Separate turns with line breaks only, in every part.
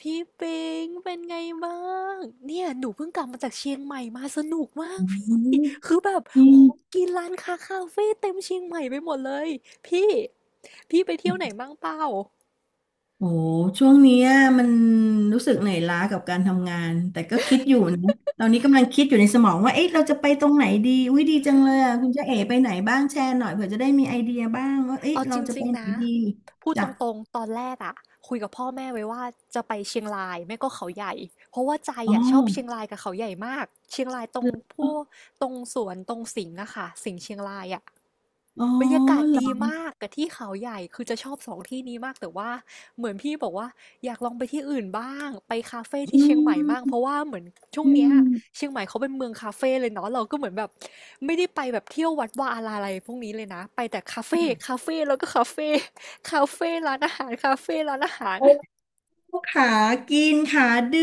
พี่ปิงเป็นไงบ้างเนี่ยหนูเพิ่งกลับมาจากเชียงใหม่มาสนุกมาก
อื
พี่
ม
คือแบบ
นี่
ของกินร้านค้าคาเฟ่เต็มเชียงใหม่ไปหมดเลยพี่พี่ไปเที่ยวไหนบ้างเปล่า
โอ้ช่วงเนี้ยมันรู้สึกเหนื่อยล้ากับการทำงาน แต่ก็คิดอยู่นะตอนนี้กำลังคิดอยู่ในสมองว่าเอ๊ะเราจะไปตรงไหนดีอุ้ยดีจังเลยอ่ะคุณเจ๊เอ๋ไปไหนบ้างแชร์หน่อยเผื่อจะได้มีไอเดียบ้างว่าเอ๊ะ
เอาจ
เราจะ
ริ
ไป
งๆ
ไหน
นะ
ดี
พูดต
จ้ะ
รงๆตอนแรกอะคุยกับพ่อแม่ไว้ว่าจะไปเชียงรายไม่ก็เขาใหญ่เพราะว่าใจ
อ๋อ
อะชอบเชียงรายกับเขาใหญ่มากเชียงรายตร
เห
ง
รอ
พวกตรงสวนตรงสิงห์อะค่ะสิงห์เชียงรายอะ
อ๋อ
บรรยากาศ
เหรอ
ดีมากกับที่เขาใหญ่คือจะชอบสองที่นี้มากแต่ว่าเหมือนพี่บอกว่าอยากลองไปที่อื่นบ้างไปคาเฟ่ที่
อื
เชียงใหม่บ้างเพ
ม
ราะว่าเหมือนช่วง
อื
เนี้ย
ม
เชียงใหม่เขาเป็นเมืองคาเฟ่เลยเนาะเราก็เหมือนแบบไม่ได้ไปแบบเที่ยววัดวาอาราอะไรพวกนี้เลยนะไปแต่คาเฟ่คาเฟ่แล้วก็คาเฟ่คาเฟ่ร้านอาหารคาเฟ่ร้านอาหาร
โอ้ขากินขาดื่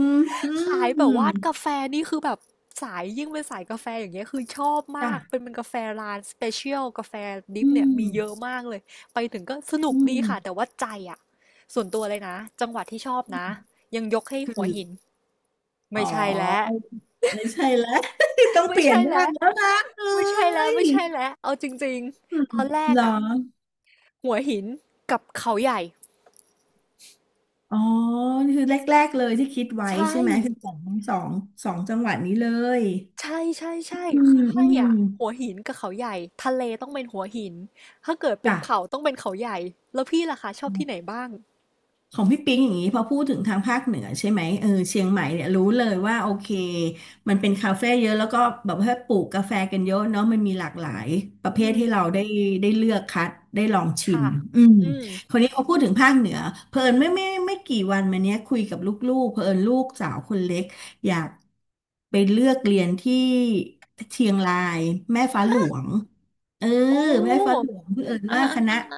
มอื
ขายแบบ
ม
ว่ากาแฟนี่คือแบบสายยิ่งเป็นสายกาแฟอย่างเงี้ยคือชอบมากเป็
จ้ะ
นมันกาแฟร้านสเปเชียลกาแฟดริ
อื
ปเนี่ย
ม
มีเยอะมากเลยไปถึงก็สนุ
อื
กดี
ม
ค่ะแต่ว่าใจอ่ะส่วนตัวเลยนะจังหวัดที่ชอบนะยังยกให้
คื
หั
อ
วหิน
อ๋
ไม่
อ
ใช่แล้ว
ไม่ใช่แล้ว ต้องเป
ไม่
ลี่ย
ใช่
นบ้า
แล้
ง
ว
แล้วนะเอ้
ไม่ใช่แล้ว
ย
ไม่ใช่แล้วเอาจริง
อืม
ๆตอนแร
เห
ก
รอ
อ่ะหัวหินกับเขาใหญ่
อ๋อนี่คือแรกๆเลยที่คิดไว้
ใช่
ใช่ไหมคือสองสองจังหวัดนี้เลย
ใช่ใช่ใช่
อื
คือ
มอื
ให้
ม
อ่ะหัวหินกับเขาใหญ่ทะเลต้องเป็นหัวหินถ้าเกิดเป็
จ้ะ
นเขาต้องเป็นเขาใหญ่แล้วพี่ล่ะคะชอบที่ไหนบ้าง
ของพี่ปิ๊งอย่างนี้พอพูดถึงทางภาคเหนือใช่ไหมเออเชียงใหม่เนี่ยรู้เลยว่าโอเคมันเป็นคาเฟ่เยอะแล้วก็แบบว่าปลูกกาแฟกันเยอะเนาะมันมีหลากหลายประเภ
อื
ทให้เรา
ม
ได้ได้เลือกคัดได้ลองชิม
ค่ะ
อืม
อืม
คนนี้พอพูดถึงภาคเหนือเพลินไม่กี่วันมาเนี้ยคุยกับลูกๆเพลินลูกสาวคนเล็กอยากไปเลือกเรียนที่เชียงรายแม่ฟ้าหลวง เออ
โอ
แม่ฟ้าหล
้
วงเผอิญ
อ่า
ว่าค
อ่า
ณะ
อ่าอ่า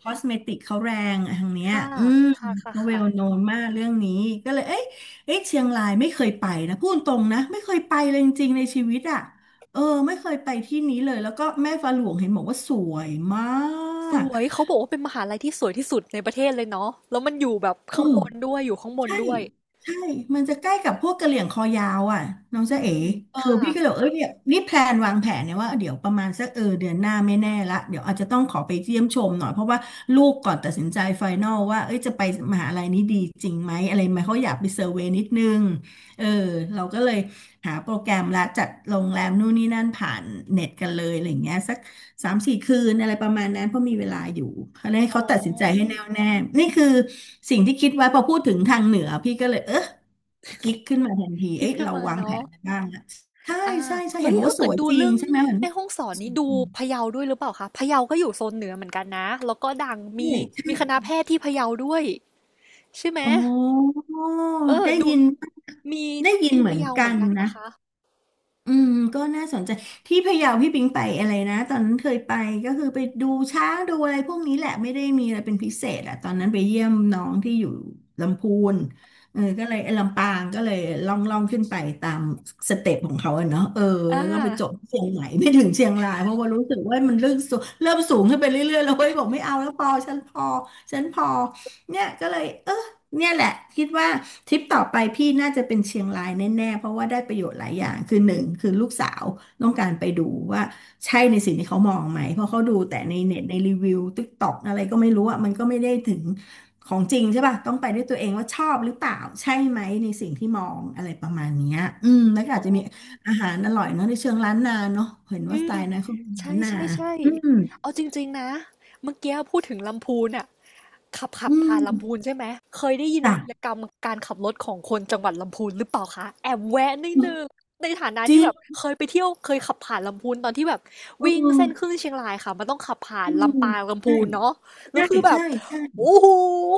คอสเมติกเขาแรงอะทางเนี้ย
ค่ะ
อืม
ค่ะค่ะ
เขาเวลโน
ค่ะ
นมากเรื่องนี้ก็เลยเอ้ยเชียงรายไม่เคยไปนะพูดตรงนะไม่เคยไปเลยจริงๆในชีวิตอ่ะเออไม่เคยไปที่นี้เลยแล้วก็แม่ฟ้าหลวงเห็นบอกว่าสวยมา
ส
ก
วยเขาบอกว่าเป็นมหาลัยที่สวยที่สุดในประเทศเลยเนาะแล้วมันอยู่แบบ
เออ
ข้างบนด้วยอยู่ข้างบน
ใช่
ด้วย
ใช่ มันจะใกล้กับพวกกะเหรี่ยงคอยาวอ่ะน้อง
อื
จ๊ะเอ๋
ม
เออ
ค่ะ
พี่ก็เลยบอกเอ้ยเนี่ยนี่แพลนวางแผนเนี่ยว่าเดี๋ยวประมาณสักเออเดือนหน้าไม่แน่ละเดี๋ยวอาจจะต้องขอไปเยี่ยมชมหน่อยเพราะว่าลูกก่อนตัดสินใจไฟนอลว่าเอ้ยจะไปมหาลัยนี้ดีจริงไหมอะไรไหมเขาอยากไปเซอร์เวย์นิดนึงเออเราก็เลยหาโปรแกรมละจัดโรงแรมนู่นนี่นั่นผ่านเน็ตกันเลยอะไรอย่างเงี้ยสัก สามสี่คืนอะไรประมาณนั้นเพราะมีเวลาอยู่เขาให้
อ๋
เขาตัดสินใจให้
อ
แน่วแน่นี่คือสิ่งที่คิดไว้พอพูดถึงทางเหนือพี่ก็เลยเออกิ๊กขึ้นมาทันที
คิด
เอ้ย
ขึ้น
เรา
มา
วางแผ
เนาะ
นกนบ้างนะใช่
อา
ใช่ใช่เห็
เฮ้
น
ย
บอก
ถ้า
ว่าส
เกิด
วย
ดู
จริง
เรื่อง
ใช่ไหมเห็น
แม่
ว่าส
ฮ่
ว
องสอน
ย
นี่ดู
จริง
พะเยาด้วยหรือเปล่าคะพะเยาก็อยู่โซนเหนือเหมือนกันนะ แล้วก็ดัง
ใ
มีมี
ช่
คณะแพทย์ที่พะเยาด้วยใช่ไหม
อ๋อ
เออ
ได้
ดู
ยิน
มี
ได้ยิน
ที่
เหมื
พะ
อน
เยาเห
กั
มือ
น
นกันนะ
นะ
คะ
อืมก็น่าสนใจที่พะเยาพี่ปิงไปอะไรนะตอนนั้นเคยไปก็คือไปดูช้างดูอะไรพวกนี้แหละไม่ได้มีอะไรเป็นพิเศษอะตอนนั้นไปเยี่ยมน้องที่อยู่ลำพูนเออก็เลยเอ้ยลำปางก็เลยล่องขึ้นไปตามสเต็ปของเขาอะเนาะเออ
อา
แล้วก็ไปจบที่เชียงใหม่ไม่ถึงเชียงรายเพราะว่ารู้สึกว่ามันเริ่มสูงเริ่มสูงขึ้นไปเรื่อยๆแล้วเว้ยบอกไม่เอาแล้วพอฉันพอเนี่ยก็เลยเออเนี่ยแหละคิดว่า ทริปต่อไปพี่น่าจะเป็นเชียงรายแน่ๆเพราะว่าได้ประโยชน์หลายอย่างคือหนึ่งคือลูกสาวต้องการไปดูว่าใช่ในสิ่งที่เขามองไหมเพราะเขาดูแต่ในเน็ตในรีวิวติ๊กต็อกอะไรก็ไม่รู้อ่ะมันก็ไม่ได้ถึงของจริงใช่ป่ะต้องไปด้วยตัวเองว่าชอบหรือเปล่าใช่ไหมในสิ่งที่มองอะไรประมาณเนี้ยอืมแล้วก็
อ๋
อาจ
อ
จะมีอาหารอร่อยเนาะในเชิงล้านนาเนาะเห็นว่า
อื
สไต
ม
ล์นะเขาเป็น
ใ
ล้านนา
ช่
อืม
ๆๆเอาจริงๆนะเมื่อกี้พูดถึงลำพูนน่ะขับ
อืม
ผ่านลำพูนใช่ไหมเคยได้ยิน
จ้ะ
วีรกรรมการขับรถของคนจังหวัดลำพูนหรือเปล่าคะแอบแวะนิดหนึ่งในฐานะ
จ
ที่
ริ
แบบ
ง
เคยไปเที่ยวเคยขับผ่านลำพูนตอนที่แบบ
อื
วิ่งเส้นขึ้น
ม
เชียงรายค่ะมันต้องขับผ่าน
อืม
ลำปางลำ
ใช่
พูนเนาะแล้
ใช
วคือแบบ
่ใช่
โอ้โฮ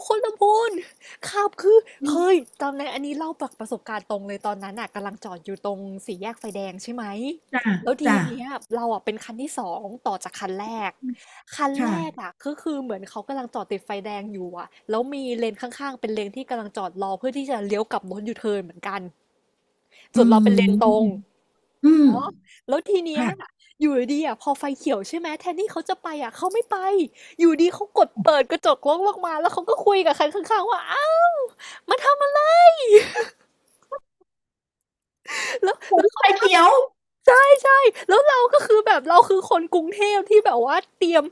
คนลำพูนขับคือ
ใช
เคย
่
จำได้นอันนี้เล่าจากประสบการณ์ตรงเลยตอนนั้นน่ะกำลังจอดอยู่ตรงสี่แยกไฟแดงใช่ไหม
จ้า
แล้วที
จ้า
เนี้ยเราอะเป็นคันที่สองต่อจากคันแรกคันแรก
ค่ะ
อะก็คือเหมือนเขากำลังจอดติดไฟแดงอยู่อะแล้วมีเลนข้างๆเป็นเลนที่กำลังจอดรอเพื่อที่จะเลี้ยวกลับรถยูเทิร์นเหมือนกัน
อื
ส่วนเราเป็นเลนตรง
มอืม
แล้วทีเนี้ย
ค่ะ
อยู่ดีๆอะพอไฟเขียวใช่ไหมแทนที่เขาจะไปอะเขาไม่ไปอยู่ดีเขากดเปิดกระจกรถลงมาแล้วเขาก็คุยกับคันข้างๆว่าอ้าวมาทำอะไร แล้ว
ผ
แล้
ม
ว
ไฟ
เขาทัก
เขียว
เรา ใช่ใช่แล้วเราก็คือแบบเราคือคนกรุงเทพที่แบบว่าเตรียม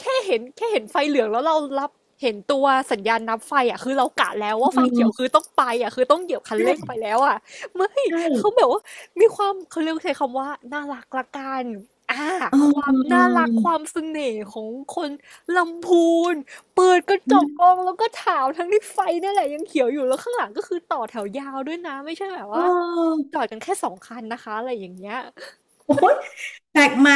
แค่เห็นไฟเหลืองแล้วเรารับเห็นตัวสัญญาณนับไฟอ่ะคือเรากะแล้วว่าไฟ
เออ
เขียวคือต้องไปอ่ะคือต้องเหยียบคันเร่ง
ใช่
ไปแล้วอ่ะไม่
ใช
เขาแบ
่
บว่ามีความเขาเรียกใช้คำว่าน่ารักละกันอ่า
เออ
ควา
เ
มน่ารัก
อ
ความเสน่ห์ของคนลำพูนเปิดกระจกก
อ
องแล้วก็ถามทั้งที่ไฟนั่นแหละยังเขียวอยู่แล้วข้างหลังก็คือต่อแถวยาวด้วยนะไม่ใช่แบบ
โ
ว่าจอดกันแค่สองคันนะคะอะไรอย่างเงี้ย
อ้ยแปลกใหม่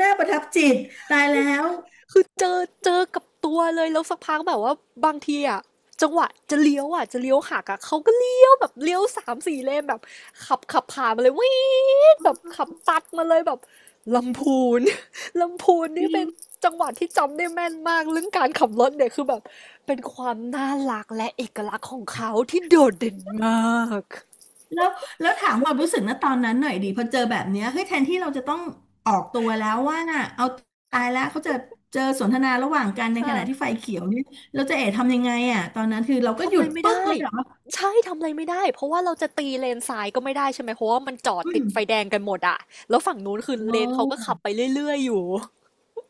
น่าประทับจิตตายแล้ว
คือเจอกับตัวเลยแล้วสักพักแบบว่าบางทีอะจังหวะจะเลี้ยวอะจะเลี้ยวหักอะเขาก็เลี้ยวแบบเลี้ยวสามสี่เลนแบบขับผ่านมาเลยวีดแบบขับตัดมาเลยแบบลำพูน ลำพูน
จ
นี่
ริ
เป็
ง
นจังหวัดที่จำได้แม่นมากเรื่องการขับรถเนี่ยคือแบบเป็นความน่ารักและเอกลักษณ์ของเขาที่โดดเด่นมาก
แล้วแล้วถามความรู้สึกนะตอนนั้นหน่อยดีพอเจอแบบเนี้ยเฮ้ยแทนที่เราจะต้องออกตัวแล้วว่าน่ะเอาตายแล้วเขาจะเจอสนทนาระหว่างกันในขณะที่ไฟ
ค่ะ
เขียวเนี่ยเราจะเอ๋ทำยังไงอ่ะตอนนั้นคือเราก็
ทำ
หยุ
อะไร
ด
ไม่
ปึ๊ก
ได้
เลยเหรอ
ใช่ทำอะไรไม่ได้เพราะว่าเราจะตีเลนซ้ายก็ไม่ได้ใช่ไหมเพราะว่ามันจอด
อื
ติด
ม
ไฟแดงกันหมดอะแล้วฝั่งนู้นคือ
โอ
เลนเขาก็ขับไป
้
เรื่อยๆอยู่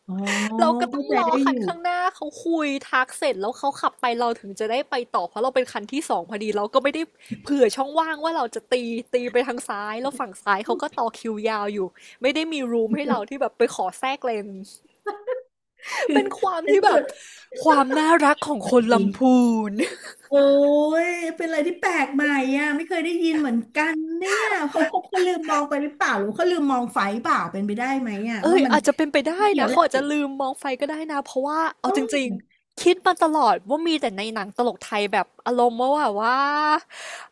อ๋อ
เราก็ต้อ
เข้า
ง
ใจ
รอ
ได้อ
คัน
ยู่
ข้างหน้าเขาคุยทักเสร็จแล้วเขาขับไปเราถึงจะได้ไปต่อเพราะเราเป็นคันที่สองพอดีเราก็ไม่ได้เผื่อช่องว่างว่าเราจะตีไปทางซ้ายแล้วฝั่งซ้ายเขาก็ต่อ คิวยาวอยู่ไม่ได้มีรูมให้เราที่แบบไปขอแทรกเลน
คือ
เป็นความ
ใน
ที่
ที่
แบ
สุ
บ
ด
ความน่ารักของ
ส
คนลำ
ว
พูน
โอ้ยเป็นอะไรที่แปลกใหม่อ่ะไม่เคยได้ยินเหมือนกันเนี่ยเขาลืมมองไปหรือเปล่าหรือเขาลืมมองไฟเปล่าเป็นไปได้ไหมอ่ะ
เอ
ว่า
ย
มัน
อาจจะเป็นไปได้
เกี่ยว
นะ
แห
เขา
ละ
อาจ
โ
จะลืมมองไฟก็ได้นะเพราะว่าเอา
อ้
จริง
ย
ๆคิดมาตลอดว่ามีแต่ในหนังตลกไทยแบบอารมณ์ว่าแบบว่า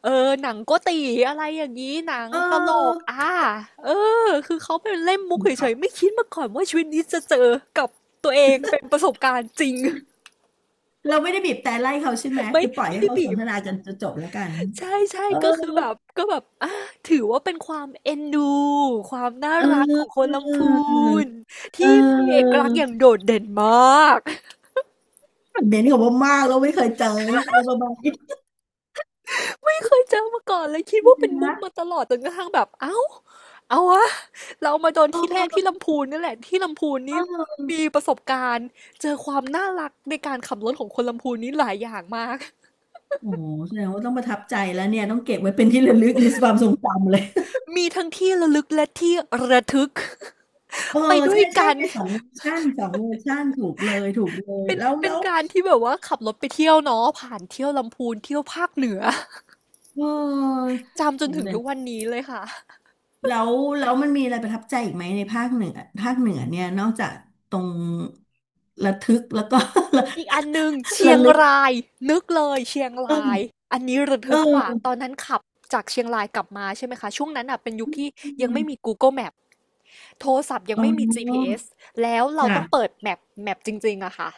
เออหนังโกตี๋อะไรอย่างงี้หนัง
เอ
ตลก
อ
อาเออคือเขาเป็นเล่นมุก
ค
เฉ
รั
ยๆ
บ
ไม่คิดมาก่อนว่าชีวิตนี้จะเจอกับตัวเองเป็นประสบการณ์จริง
เราไม่ได้บีบแต่ไล่เขาใช่ไหม
ไม่
คือปล่อย
ไม่
ให้
ได้
เขาส
บี
น
บ
ทนาจนจะจบแล้วกัน
ใช่
เออ
ๆก็คือแบบก็แบบอะถือว่าเป็นความเอ็นดูความน่า
เอ
รักของคน
อ
ลำพูน
เ
ที่มีเอก
ออ
ลักษณ์อย่างโดดเด่นมาก
เน้นกับว่ามากแล้วไม่เคยเจออะไรประมาณนี้
ไม่เคยเจอมาก่อนเลยคิดว่าเป็ นมุก
นะ
มาตลอดจนกระทั่งแบบเอ้าเอาวะเรามาโดนที่แรกที่
เ
ลำพูนเนี่ยแหละที่ลำพูนนี่
ออ
มีประสบการณ์เจอความน่ารักในการขับรถของคนลำพูนนี้หลายอย่างมาก
โอ้โหแสดงว่าต้องประทับใจแล้วเนี่ยต้องเก็บไว้เป็นที่ระลึกในความทรงจำเลย
มีทั้งที่ระลึกและที่ระทึก
เออ
ไปด้ว
ใช่
ย
ใช่
กัน
ในสองเวอร์ชันสองเวอร์ชันถูกเลยถูกเลย
เป็น
แล้ว
เป็
แล้
น
ว
การที่แบบว่าขับรถไปเที่ยวเนาะผ่านเที่ยวลำพูนเที่ยวภาคเหนือ
เออ
จำจน
โอ้โห
ถึง
แต่
ทุกวันนี้เลยค่ะ
แล้วแล้วมันมีอะไรประทับใจอีกไหมในภาคเหนือภาคเหนือเนี่ยนอกจากตรงระทึกแล้วก็
อีกอันหนึ่ง เชี
ระ
ยง
ลึก
รายนึกเลยเชียงราย
เออ
อันนี้ระ
เอ
ทึกกว่าต
อ
อนนั้นขับจากเชียงรายกลับมาใช่ไหมคะช่วงนั้นอ่ะเป็นยุคที่ยังไม่มี Google Map โทรศัพท์ยัง
อ๋
ไม่มี
อ
GPS แล้วเรา
จ้ะ
ต้องเปิดแมปจริงๆอะค่ะ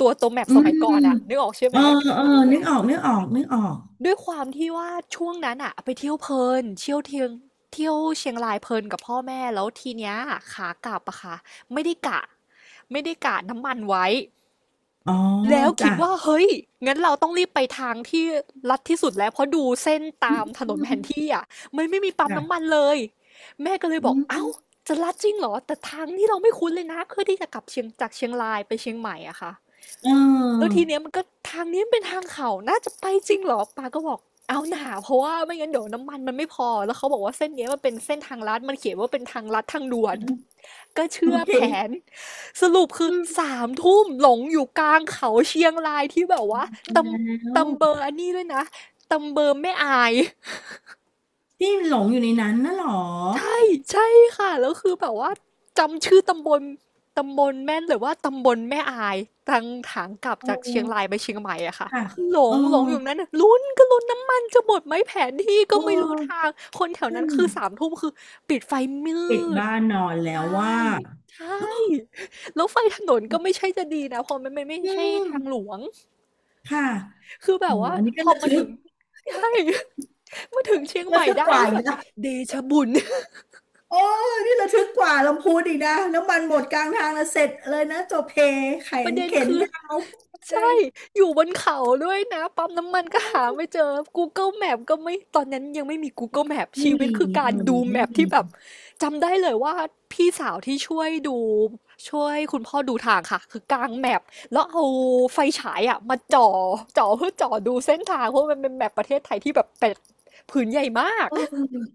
ตัวแมป
อื
สมัย
ม
ก่อนอะนึกออกใช่
เอ
ไหม
อ
ที่แบบ
เออ
เป็นให
นึก
ญ่
ออกนึกออกนึกออก
ด้วยความที่ว่าช่วงนั้นอะไปเที่ยวเพลินเที่ยวเทียงเที่ยวเชียงรายเพลินกับพ่อแม่แล้วทีเนี้ยขากลับอะค่ะไม่ได้กะไม่ได้กะน้ำมันไว้
อ๋อ
แล้วคิ
จ้ะ
ดว่าเฮ้ยงั้นเราต้องรีบไปทางที่ลัดที่สุดแล้วเพราะดูเส้น
อื
ตา
ม
มถนนแผนที่อะมันไม่มีปั๊มน้ำมัน
จ้ะ
เลยแม่ก็เลยบ
อื
อกเอ้า
ม
จะลัดจริงเหรอแต่ทางที่เราไม่คุ้นเลยนะเพื่อที่จะกลับเชียงจากเชียงรายไปเชียงใหม่อะค่ะ
เ
แล้ว
ออ
ทีเนี้ยมันก็ทางนี้มันเป็นทางเขาน่าจะไปจริงเหรอปาก็บอกเอาหนาเพราะว่าไม่งั้นเดี๋ยวน้ำมันมันไม่พอแล้วเขาบอกว่าเส้นเนี้ยมันเป็นเส้นทางลัดมันเขียนว่าเป็นทางลัดทางด่วนก็
โอ
เชื่อ
เค
แผนสรุปคือ
อืม
สามทุ่มหลงอยู่กลางเขาเชียงรายที่แบบว่าต
แ
ำ
ล้ว
ตำเบอร์อันนี้ด้วยนะตำเบอร์ไม่อาย
ที่หลงอยู่ในนั้นน่ะเหรอ
ใช่ใช่ค่ะแล้วคือแบบว่าจำชื่อตำบลตำบลแม่นเลยว่าตำบลแม่อายทางทางกลับ
เอ
จากเชียง
อ
รายไปเชียงใหม่อะค่ะ
ค่ะ
คือหล
เออ
งหลงอยู่นั้นน่ะลุ้นก็ลุ้นน้ำมันจะหมดไหมแผนที่
เ
ก็ไม่รู้ทา
ออ
งคนแถวนั้
นั่
น
น
คือสามทุ่มคือปิดไฟมื
ปิด
ด
บ้านนอนแล้วว่า
ใช่ใช่แล้วไฟถนนก็ไม่ใช่จะดีนะเพราะมันไม่ไม่
อื
ใช่
ม
ทางหลวง
ค่ะ
คือแบ
โอ้
บว่า
อันนี้
พ
ก็
อ
ระ
มา
ทึ
ถึ
ก
งใช่มาถึงเชียงให
ระ
ม่
ทึก
ได้
กว่า
นี่
อีก
แบบ
นะ
เดชะบุญ
โอ้นี่ระทึกกว่าลำพูนอีกนะน้ำมันหมดกลางทางแล้วเสร็จเลยนะจบเพแข
ประ
น
เด็น
เข็น
คือ
ยาว
ใช่อยู่บนเขาด้วยนะปั๊มน้ำมันก็หาไม่เจอ Google Map ก็ไม่ตอนนั้นยังไม่มี Google Map
ไม่
ชีวิต
มี
คือกา
เออ
รดูแม
ไม่
พ
มี
ที่แบบจำได้เลยว่าพี่สาวที่ช่วยดูช่วยคุณพ่อดูทางค่ะคือกางแมพแล้วเอาไฟฉายอะมาจ่อเพื่อจ่อดูเส้นทางเพราะมันเป็นแมปประเทศไทยที่แบบเป็ดผืนใหญ่มาก
เอ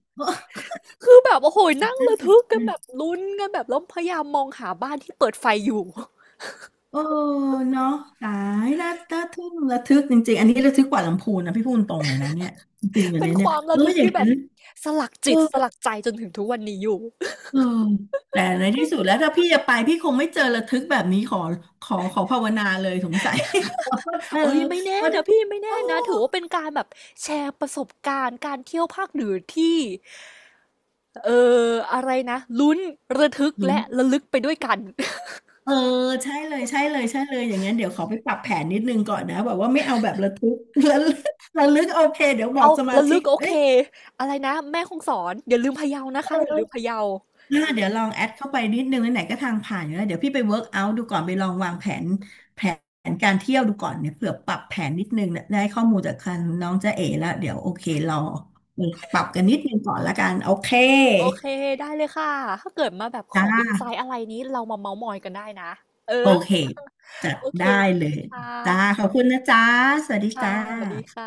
คือแบบโอ้โหนั่งระทึกกันแบบ
อ
ลุ้นกันแบบแล้วพยายามมองหาบ้านที่เปิดไฟอยู่
เออเนาะตายน่าน่าทึ่งระทึกจริงๆอันนี้ระทึกกว่าลำพูนนะพี่พูดตรงเลยนะเนี่ยจริงๆอัน
เป็น
เนี้ย
ค
เนี่ย
วามระทึก
อย่าง
ที่แบ
นั้
บ
น
สลัก
เอ
จิ
อ
ตสลักใจจนถึงทุกวันนี้อยู่
เออแต่ในที่สุดแล้วถ้าพี่จะไปพี่คงไม่เจอระทึกแบบนี้ขอขอขอภาวนาเลยสงสัย เออ
เอ้ยไม่แน่
เพราะทุ
นะ
ก
พี่ไม่
โอ้
แน่นะถือว่าเป็นการแบบแชร์ประสบการณ์การเที่ยวภาคเหนือที่เอ่อะไรนะลุ้นระทึก
ลุ้น
และระลึกไปด้วยกัน
เออใช่เลยใช่เลยใช่เลยอย่างงั้นเดี๋ยวขอไปปรับแผนนิดนึงก่อนนะแบบว่าไม่เอาแบบระทึก แล้วระลึกโอเคเดี๋ยวบอ
เอา
กสมา
ระ
ชิ
ลึ
ก
กโอ
เอ้
เค
ย
อะไรนะแม่คงสอนอย่าลืมพะเยานะ
เอ
คะ
อ
อย่าลืมพะเยา
เดี๋ยวลองแอดเข้าไปนิดนึงไหนๆก็ทางผ่านอยู่แล้วเดี๋ยวพี่ไปเวิร์กเอาท์ดูก่อนไปลองวางแผนแผนการเที่ยวดูก่อนเนี่ยเผื่อปรับแผนนิดนึงเนี่ยได้ข้อมูลจากคันน้องจ๊ะเอ๋แล้วเดี๋ยวโอเคเรอปรับกันนิดนึงก่อนละกันโอเค
โอเคได้เลยค่ะถ้าเกิดมาแบบข
จ้า
ออินไซต์อะไรนี้เรามาเมาท์มอยกันได้นะเอ
โอ
อ
เคจัด
โอเค
ได้
ได้
เล
เลย
ย
ค่
จ้า
ะ
ขอบคุณนะจ้าสวัสดี
ค่ะ
จ้า
สวัสดีค่ะ